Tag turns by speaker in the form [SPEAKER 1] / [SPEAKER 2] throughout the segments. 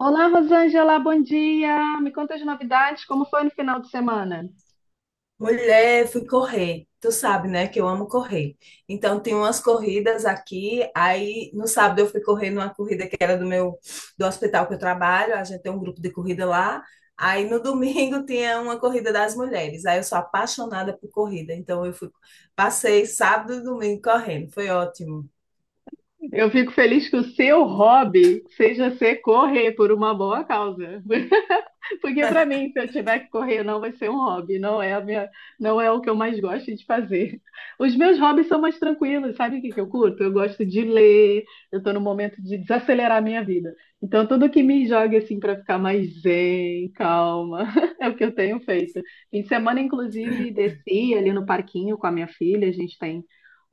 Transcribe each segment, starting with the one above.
[SPEAKER 1] Olá, Rosângela, bom dia. Me conta as novidades, como foi no final de semana?
[SPEAKER 2] Mulher, fui correr. Tu sabe, né, que eu amo correr. Então, tem umas corridas aqui. Aí, no sábado, eu fui correr numa corrida que era do meu, do hospital que eu trabalho. A gente tem um grupo de corrida lá. Aí, no domingo, tinha uma corrida das mulheres. Aí, eu sou apaixonada por corrida. Então, eu fui, passei sábado e domingo correndo. Foi ótimo.
[SPEAKER 1] Eu fico feliz que o seu hobby seja ser correr por uma boa causa. Porque para mim, se eu tiver que correr, não vai ser um hobby, não é o que eu mais gosto de fazer. Os meus hobbies são mais tranquilos, sabe o que que eu curto? Eu gosto de ler, eu estou no momento de desacelerar a minha vida. Então, tudo que me joga assim para ficar mais zen, calma, é o que eu tenho feito. Fim de semana, inclusive, desci ali no parquinho com a minha filha, a gente tem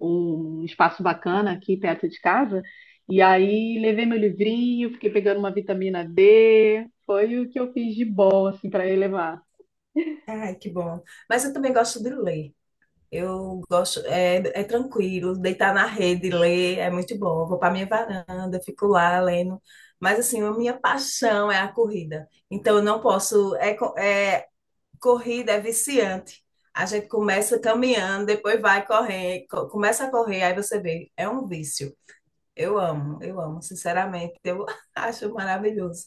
[SPEAKER 1] um espaço bacana aqui perto de casa. E aí levei meu livrinho, fiquei pegando uma vitamina D, foi o que eu fiz de bom assim para elevar.
[SPEAKER 2] Ai, que bom. Mas eu também gosto de ler. Eu gosto, é, é tranquilo, deitar na rede, ler, é muito bom. Eu vou para minha varanda, fico lá lendo. Mas assim, a minha paixão é a corrida. Então eu não posso, corrida é viciante. A gente começa caminhando, depois vai correr, começa a correr, aí você vê, é um vício. Eu amo, sinceramente, eu acho maravilhoso.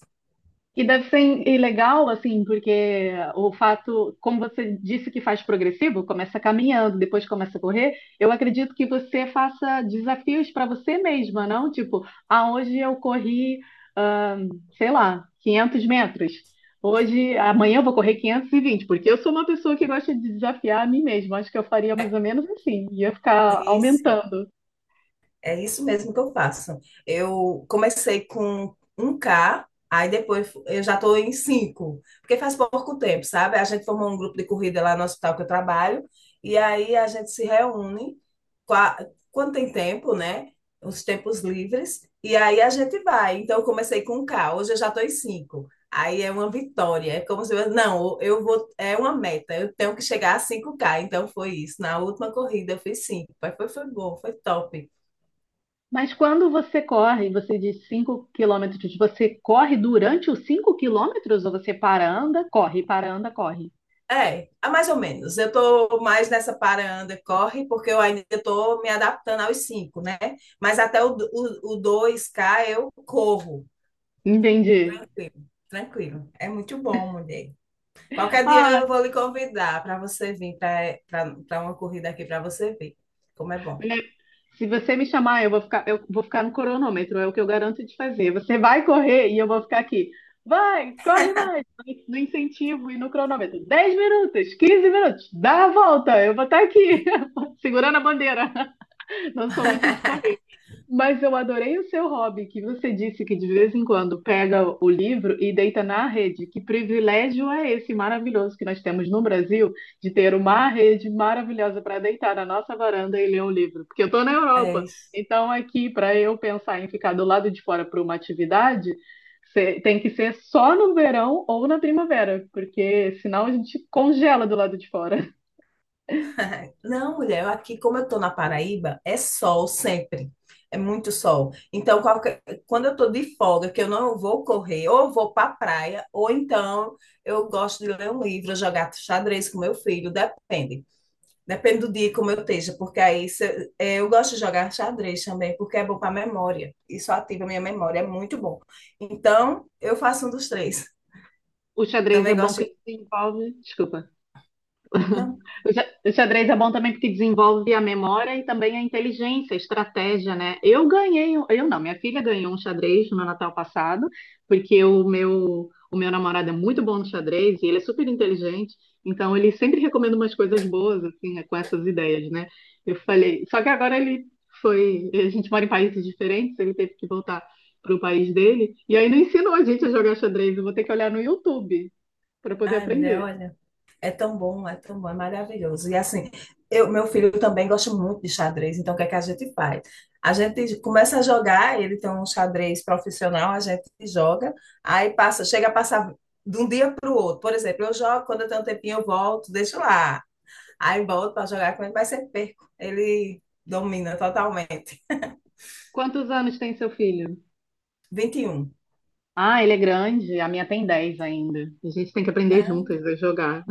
[SPEAKER 1] E deve ser e legal, assim, porque o fato, como você disse que faz progressivo, começa caminhando, depois começa a correr, eu acredito que você faça desafios para você mesma, não? Tipo, ah, hoje eu corri, ah, sei lá, 500 metros. Hoje, amanhã eu vou correr 520, porque eu sou uma pessoa que gosta de desafiar a mim mesma. Acho que eu faria
[SPEAKER 2] É.
[SPEAKER 1] mais ou menos assim, ia ficar
[SPEAKER 2] Isso.
[SPEAKER 1] aumentando.
[SPEAKER 2] É isso mesmo que eu faço. Eu comecei com um k, aí depois eu já estou em 5, porque faz pouco tempo, sabe? A gente formou um grupo de corrida lá no hospital que eu trabalho, e aí a gente se reúne qua- quando tem tempo, né? Os tempos livres, e aí a gente vai. Então eu comecei com um k, hoje eu já estou em 5. Aí é uma vitória, é como se eu, não, eu vou, é uma meta, eu tenho que chegar a cinco k, então foi isso. Na última corrida eu fiz 5, mas foi, foi bom, foi top.
[SPEAKER 1] Mas quando você corre, você diz 5 km, você corre durante os 5 km ou você para, anda, corre, para, anda, corre?
[SPEAKER 2] É, é mais ou menos. Eu estou mais nessa para, anda, corre, porque eu ainda estou me adaptando aos cinco, né? Mas até o 2K eu corro.
[SPEAKER 1] Entendi.
[SPEAKER 2] Tranquilo, tranquilo. É muito bom, mulher. Qualquer dia
[SPEAKER 1] Ah,
[SPEAKER 2] eu vou lhe convidar para você vir para uma corrida aqui para você ver como é
[SPEAKER 1] é,
[SPEAKER 2] bom.
[SPEAKER 1] se você me chamar, eu vou ficar no cronômetro, é o que eu garanto de fazer. Você vai correr e eu vou ficar aqui. Vai, corre mais, no incentivo e no cronômetro. 10 minutos, 15 minutos, dá a volta, eu vou estar aqui, segurando a bandeira. Não sou muito de correr. Mas eu adorei o seu hobby, que você disse que de vez em quando pega o livro e deita na rede. Que privilégio é esse maravilhoso que nós temos no Brasil de ter uma rede maravilhosa para deitar na nossa varanda e ler um livro? Porque eu estou na
[SPEAKER 2] É
[SPEAKER 1] Europa,
[SPEAKER 2] isso.
[SPEAKER 1] então aqui para eu pensar em ficar do lado de fora para uma atividade, tem que ser só no verão ou na primavera, porque senão a gente congela do lado de fora.
[SPEAKER 2] É. Não, mulher, aqui como eu tô na Paraíba, é sol sempre. É muito sol. Então, quando eu tô de folga, que eu não vou correr, ou eu vou pra praia, ou então eu gosto de ler um livro, jogar xadrez com meu filho, depende. Depende do dia como eu esteja, porque aí eu gosto de jogar xadrez também, porque é bom pra memória. Isso ativa a minha memória, é muito bom. Então, eu faço um dos três.
[SPEAKER 1] O xadrez é
[SPEAKER 2] Também
[SPEAKER 1] bom
[SPEAKER 2] gosto de...
[SPEAKER 1] que desenvolve. Desculpa.
[SPEAKER 2] Não,
[SPEAKER 1] O xadrez é bom também porque desenvolve a memória e também a inteligência, a estratégia, né? Eu ganhei, um- eu não, Minha filha ganhou um xadrez no meu Natal passado, porque o meu namorado é muito bom no xadrez e ele é super inteligente, então ele sempre recomenda umas coisas boas, assim, né, com essas ideias, né? Eu falei, só que agora ele foi, a gente mora em países diferentes, ele teve que voltar para o país dele, e aí não ensinou a gente a jogar xadrez, eu vou ter que olhar no YouTube para poder
[SPEAKER 2] ai, mulher,
[SPEAKER 1] aprender.
[SPEAKER 2] olha. É tão bom, é tão bom, é maravilhoso. E assim, eu, meu filho também gosta muito de xadrez, então o que é que a gente faz? A gente começa a jogar, ele tem um xadrez profissional, a gente joga, aí passa, chega a passar de um dia para o outro. Por exemplo, eu jogo, quando eu tenho um tempinho, eu volto, deixo lá. Aí volto para jogar com ele, mas sempre perco. Ele domina totalmente.
[SPEAKER 1] Quantos anos tem seu filho?
[SPEAKER 2] 21.
[SPEAKER 1] Ah, ele é grande, a minha tem 10 ainda. A gente tem que aprender
[SPEAKER 2] Ah.
[SPEAKER 1] juntas a jogar.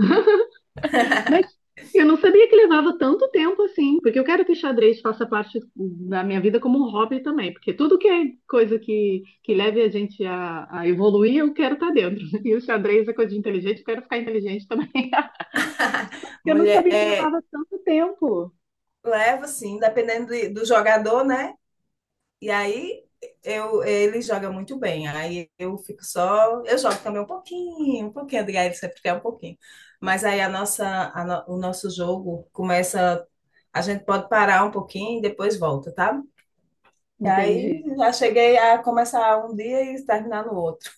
[SPEAKER 1] Mas eu não sabia que levava tanto tempo assim, porque eu quero que o xadrez faça parte da minha vida como um hobby também, porque tudo que é coisa que leve a gente a evoluir, eu quero estar dentro. E o xadrez é coisa de inteligente, eu quero ficar inteligente também. Eu não
[SPEAKER 2] Mulher,
[SPEAKER 1] sabia que
[SPEAKER 2] é,
[SPEAKER 1] levava tanto tempo.
[SPEAKER 2] leva assim, dependendo do jogador, né? E aí eu, ele joga muito bem. Aí eu fico só. Eu jogo também um pouquinho, Adriana, ele sempre quer um pouquinho. Mas aí a nossa, a no- o nosso jogo começa. A gente pode parar um pouquinho e depois volta, tá? E aí
[SPEAKER 1] Entendi.
[SPEAKER 2] já cheguei a começar um dia e terminar no outro.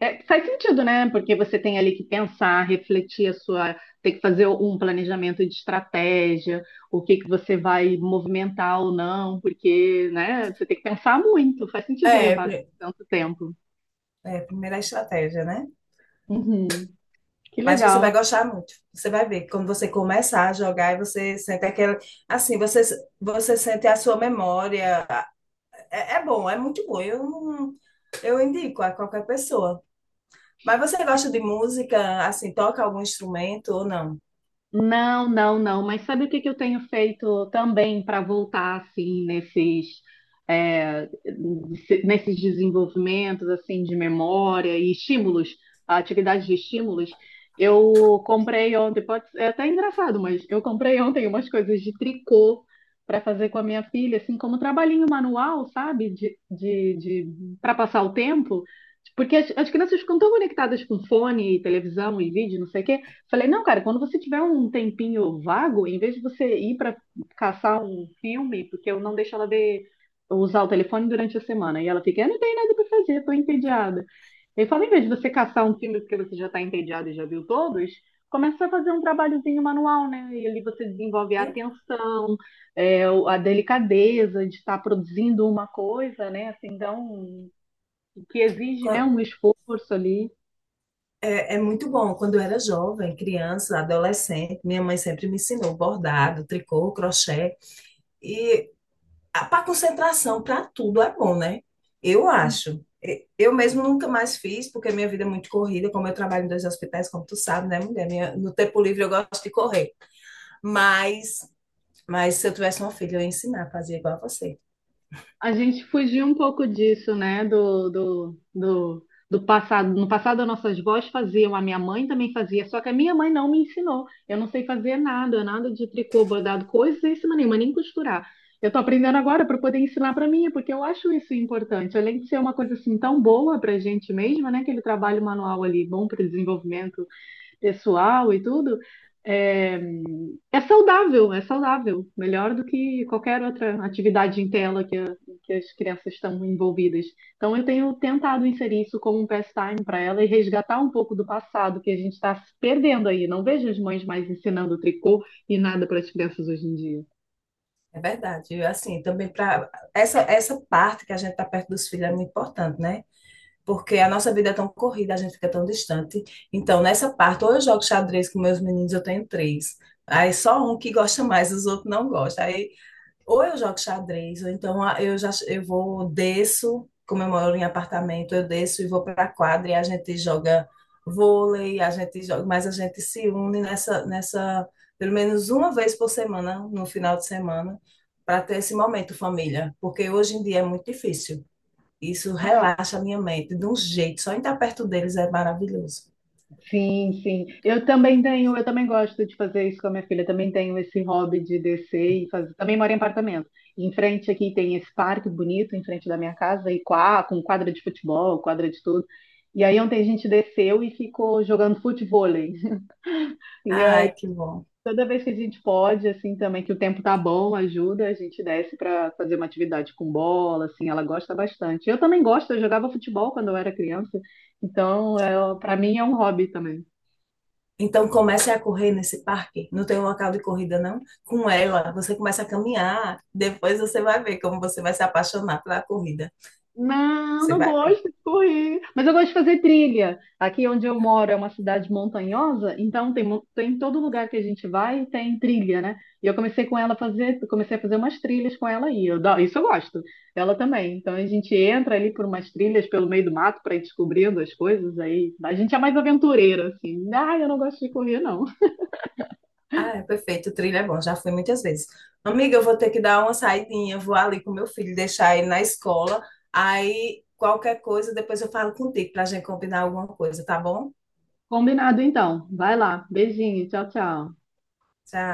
[SPEAKER 1] É, faz sentido, né? Porque você tem ali que pensar, tem que fazer um planejamento de estratégia, o que que você vai movimentar ou não, porque, né, você tem que pensar muito, faz sentido
[SPEAKER 2] É,
[SPEAKER 1] levar
[SPEAKER 2] pri-
[SPEAKER 1] tanto tempo.
[SPEAKER 2] é, primeira estratégia, né?
[SPEAKER 1] Uhum, que
[SPEAKER 2] Mas você vai
[SPEAKER 1] legal.
[SPEAKER 2] gostar muito. Você vai ver. Quando você começar a jogar, aí você sente aquela. Assim, você, você sente a sua memória. É, é bom, é muito bom. Eu, não- eu indico a qualquer pessoa. Mas você gosta de música, assim, toca algum instrumento ou não?
[SPEAKER 1] Não, não, não. Mas sabe o que que eu tenho feito também para voltar assim nesses é, nesses desenvolvimentos assim de memória e estímulos, atividades de estímulos? Eu comprei ontem, pode ser é até engraçado, mas eu comprei ontem umas coisas de tricô para fazer com a minha filha, assim como trabalhinho manual, sabe? De Para passar o tempo. Porque as crianças ficam tão conectadas com fone, televisão e vídeo, não sei o quê. Falei, não, cara, quando você tiver um tempinho vago, em vez de você ir para caçar um filme, porque eu não deixo ela ver, usar o telefone durante a semana. E ela fica, eu não tenho nada para fazer, tô entediada. Ele fala, em vez de você caçar um filme porque você já tá entediada e já viu todos, começa a fazer um trabalhozinho manual, né? E ali você desenvolve a
[SPEAKER 2] É,
[SPEAKER 1] atenção, é, a delicadeza de estar produzindo uma coisa, né? Assim, então, que exige, né,
[SPEAKER 2] quan-
[SPEAKER 1] um esforço ali.
[SPEAKER 2] é, é muito bom. Quando eu era jovem, criança, adolescente, minha mãe sempre me ensinou bordado, tricô, crochê. E para concentração, para tudo é bom, né? Eu acho. Eu mesmo nunca mais fiz, porque minha vida é muito corrida, como eu trabalho em dois hospitais, como tu sabe, né, mulher? Minha, no tempo livre eu gosto de correr. Mas Mas se eu tivesse uma filha, eu ia ensinar a fazer igual a você.
[SPEAKER 1] A gente fugiu um pouco disso, né? Do passado. No passado, as nossas vós faziam, a minha mãe também fazia, só que a minha mãe não me ensinou. Eu não sei fazer nada, nada de tricô, bordado, coisíssima nenhuma, nem costurar. Eu tô aprendendo agora para poder ensinar para mim, porque eu acho isso importante. Além de ser uma coisa assim tão boa para a gente mesma, né? Aquele trabalho manual ali, bom para o desenvolvimento pessoal e tudo, é, é saudável, é saudável. Melhor do que qualquer outra atividade em tela que as crianças estão envolvidas. Então, eu tenho tentado inserir isso como um pastime para ela e resgatar um pouco do passado que a gente está perdendo aí. Não vejo as mães mais ensinando tricô e nada para as crianças hoje em dia.
[SPEAKER 2] É verdade. Eu, assim, também para essa parte que a gente está perto dos filhos é muito importante, né? Porque a nossa vida é tão corrida, a gente fica tão distante. Então, nessa parte, ou eu jogo xadrez com meus meninos, eu tenho três. Aí só um que gosta mais, os outros não gostam. Aí ou eu jogo xadrez, ou então ah, eu já eu vou, desço, como eu moro em apartamento, eu desço e vou para a quadra e a gente joga vôlei, a gente joga, mas a gente se une nessa, nessa pelo menos uma vez por semana, no final de semana, para ter esse momento família, porque hoje em dia é muito difícil. Isso relaxa a minha mente de um jeito, só em estar perto deles é maravilhoso.
[SPEAKER 1] Sim, sim. Eu também tenho, eu também gosto de fazer isso com a minha filha. Também tenho esse hobby de descer e fazer. Também moro em apartamento. Em frente aqui tem esse parque bonito em frente da minha casa e com quadra de futebol, quadra de tudo. E aí ontem a gente desceu e ficou jogando futevôlei. E aí
[SPEAKER 2] Ai, que bom.
[SPEAKER 1] toda vez que a gente pode, assim também que o tempo tá bom, ajuda, a gente desce para fazer uma atividade com bola, assim, ela gosta bastante. Eu também gosto, eu jogava futebol quando eu era criança. Então, é, para mim é um hobby também.
[SPEAKER 2] Então comece a correr nesse parque. Não tem um local de corrida, não? Com ela, você começa a caminhar. Depois você vai ver como você vai se apaixonar pela corrida.
[SPEAKER 1] Não,
[SPEAKER 2] Você
[SPEAKER 1] não
[SPEAKER 2] vai ver.
[SPEAKER 1] gosto de correr, mas eu gosto de fazer trilha. Aqui onde eu moro é uma cidade montanhosa, então tem todo lugar que a gente vai tem trilha, né? E eu comecei com ela a fazer, comecei a fazer umas trilhas com ela aí. Isso eu gosto. Ela também. Então a gente entra ali por umas trilhas pelo meio do mato para ir descobrindo as coisas aí. A gente é mais aventureira assim. Ah, eu não gosto de correr não.
[SPEAKER 2] Ah, é perfeito. O trilho é bom. Já fui muitas vezes. Amiga, eu vou ter que dar uma saidinha. Vou ali com meu filho, deixar ele na escola. Aí qualquer coisa, depois eu falo contigo para gente combinar alguma coisa, tá bom?
[SPEAKER 1] Combinado então. Vai lá. Beijinho. Tchau, tchau.
[SPEAKER 2] Tchau.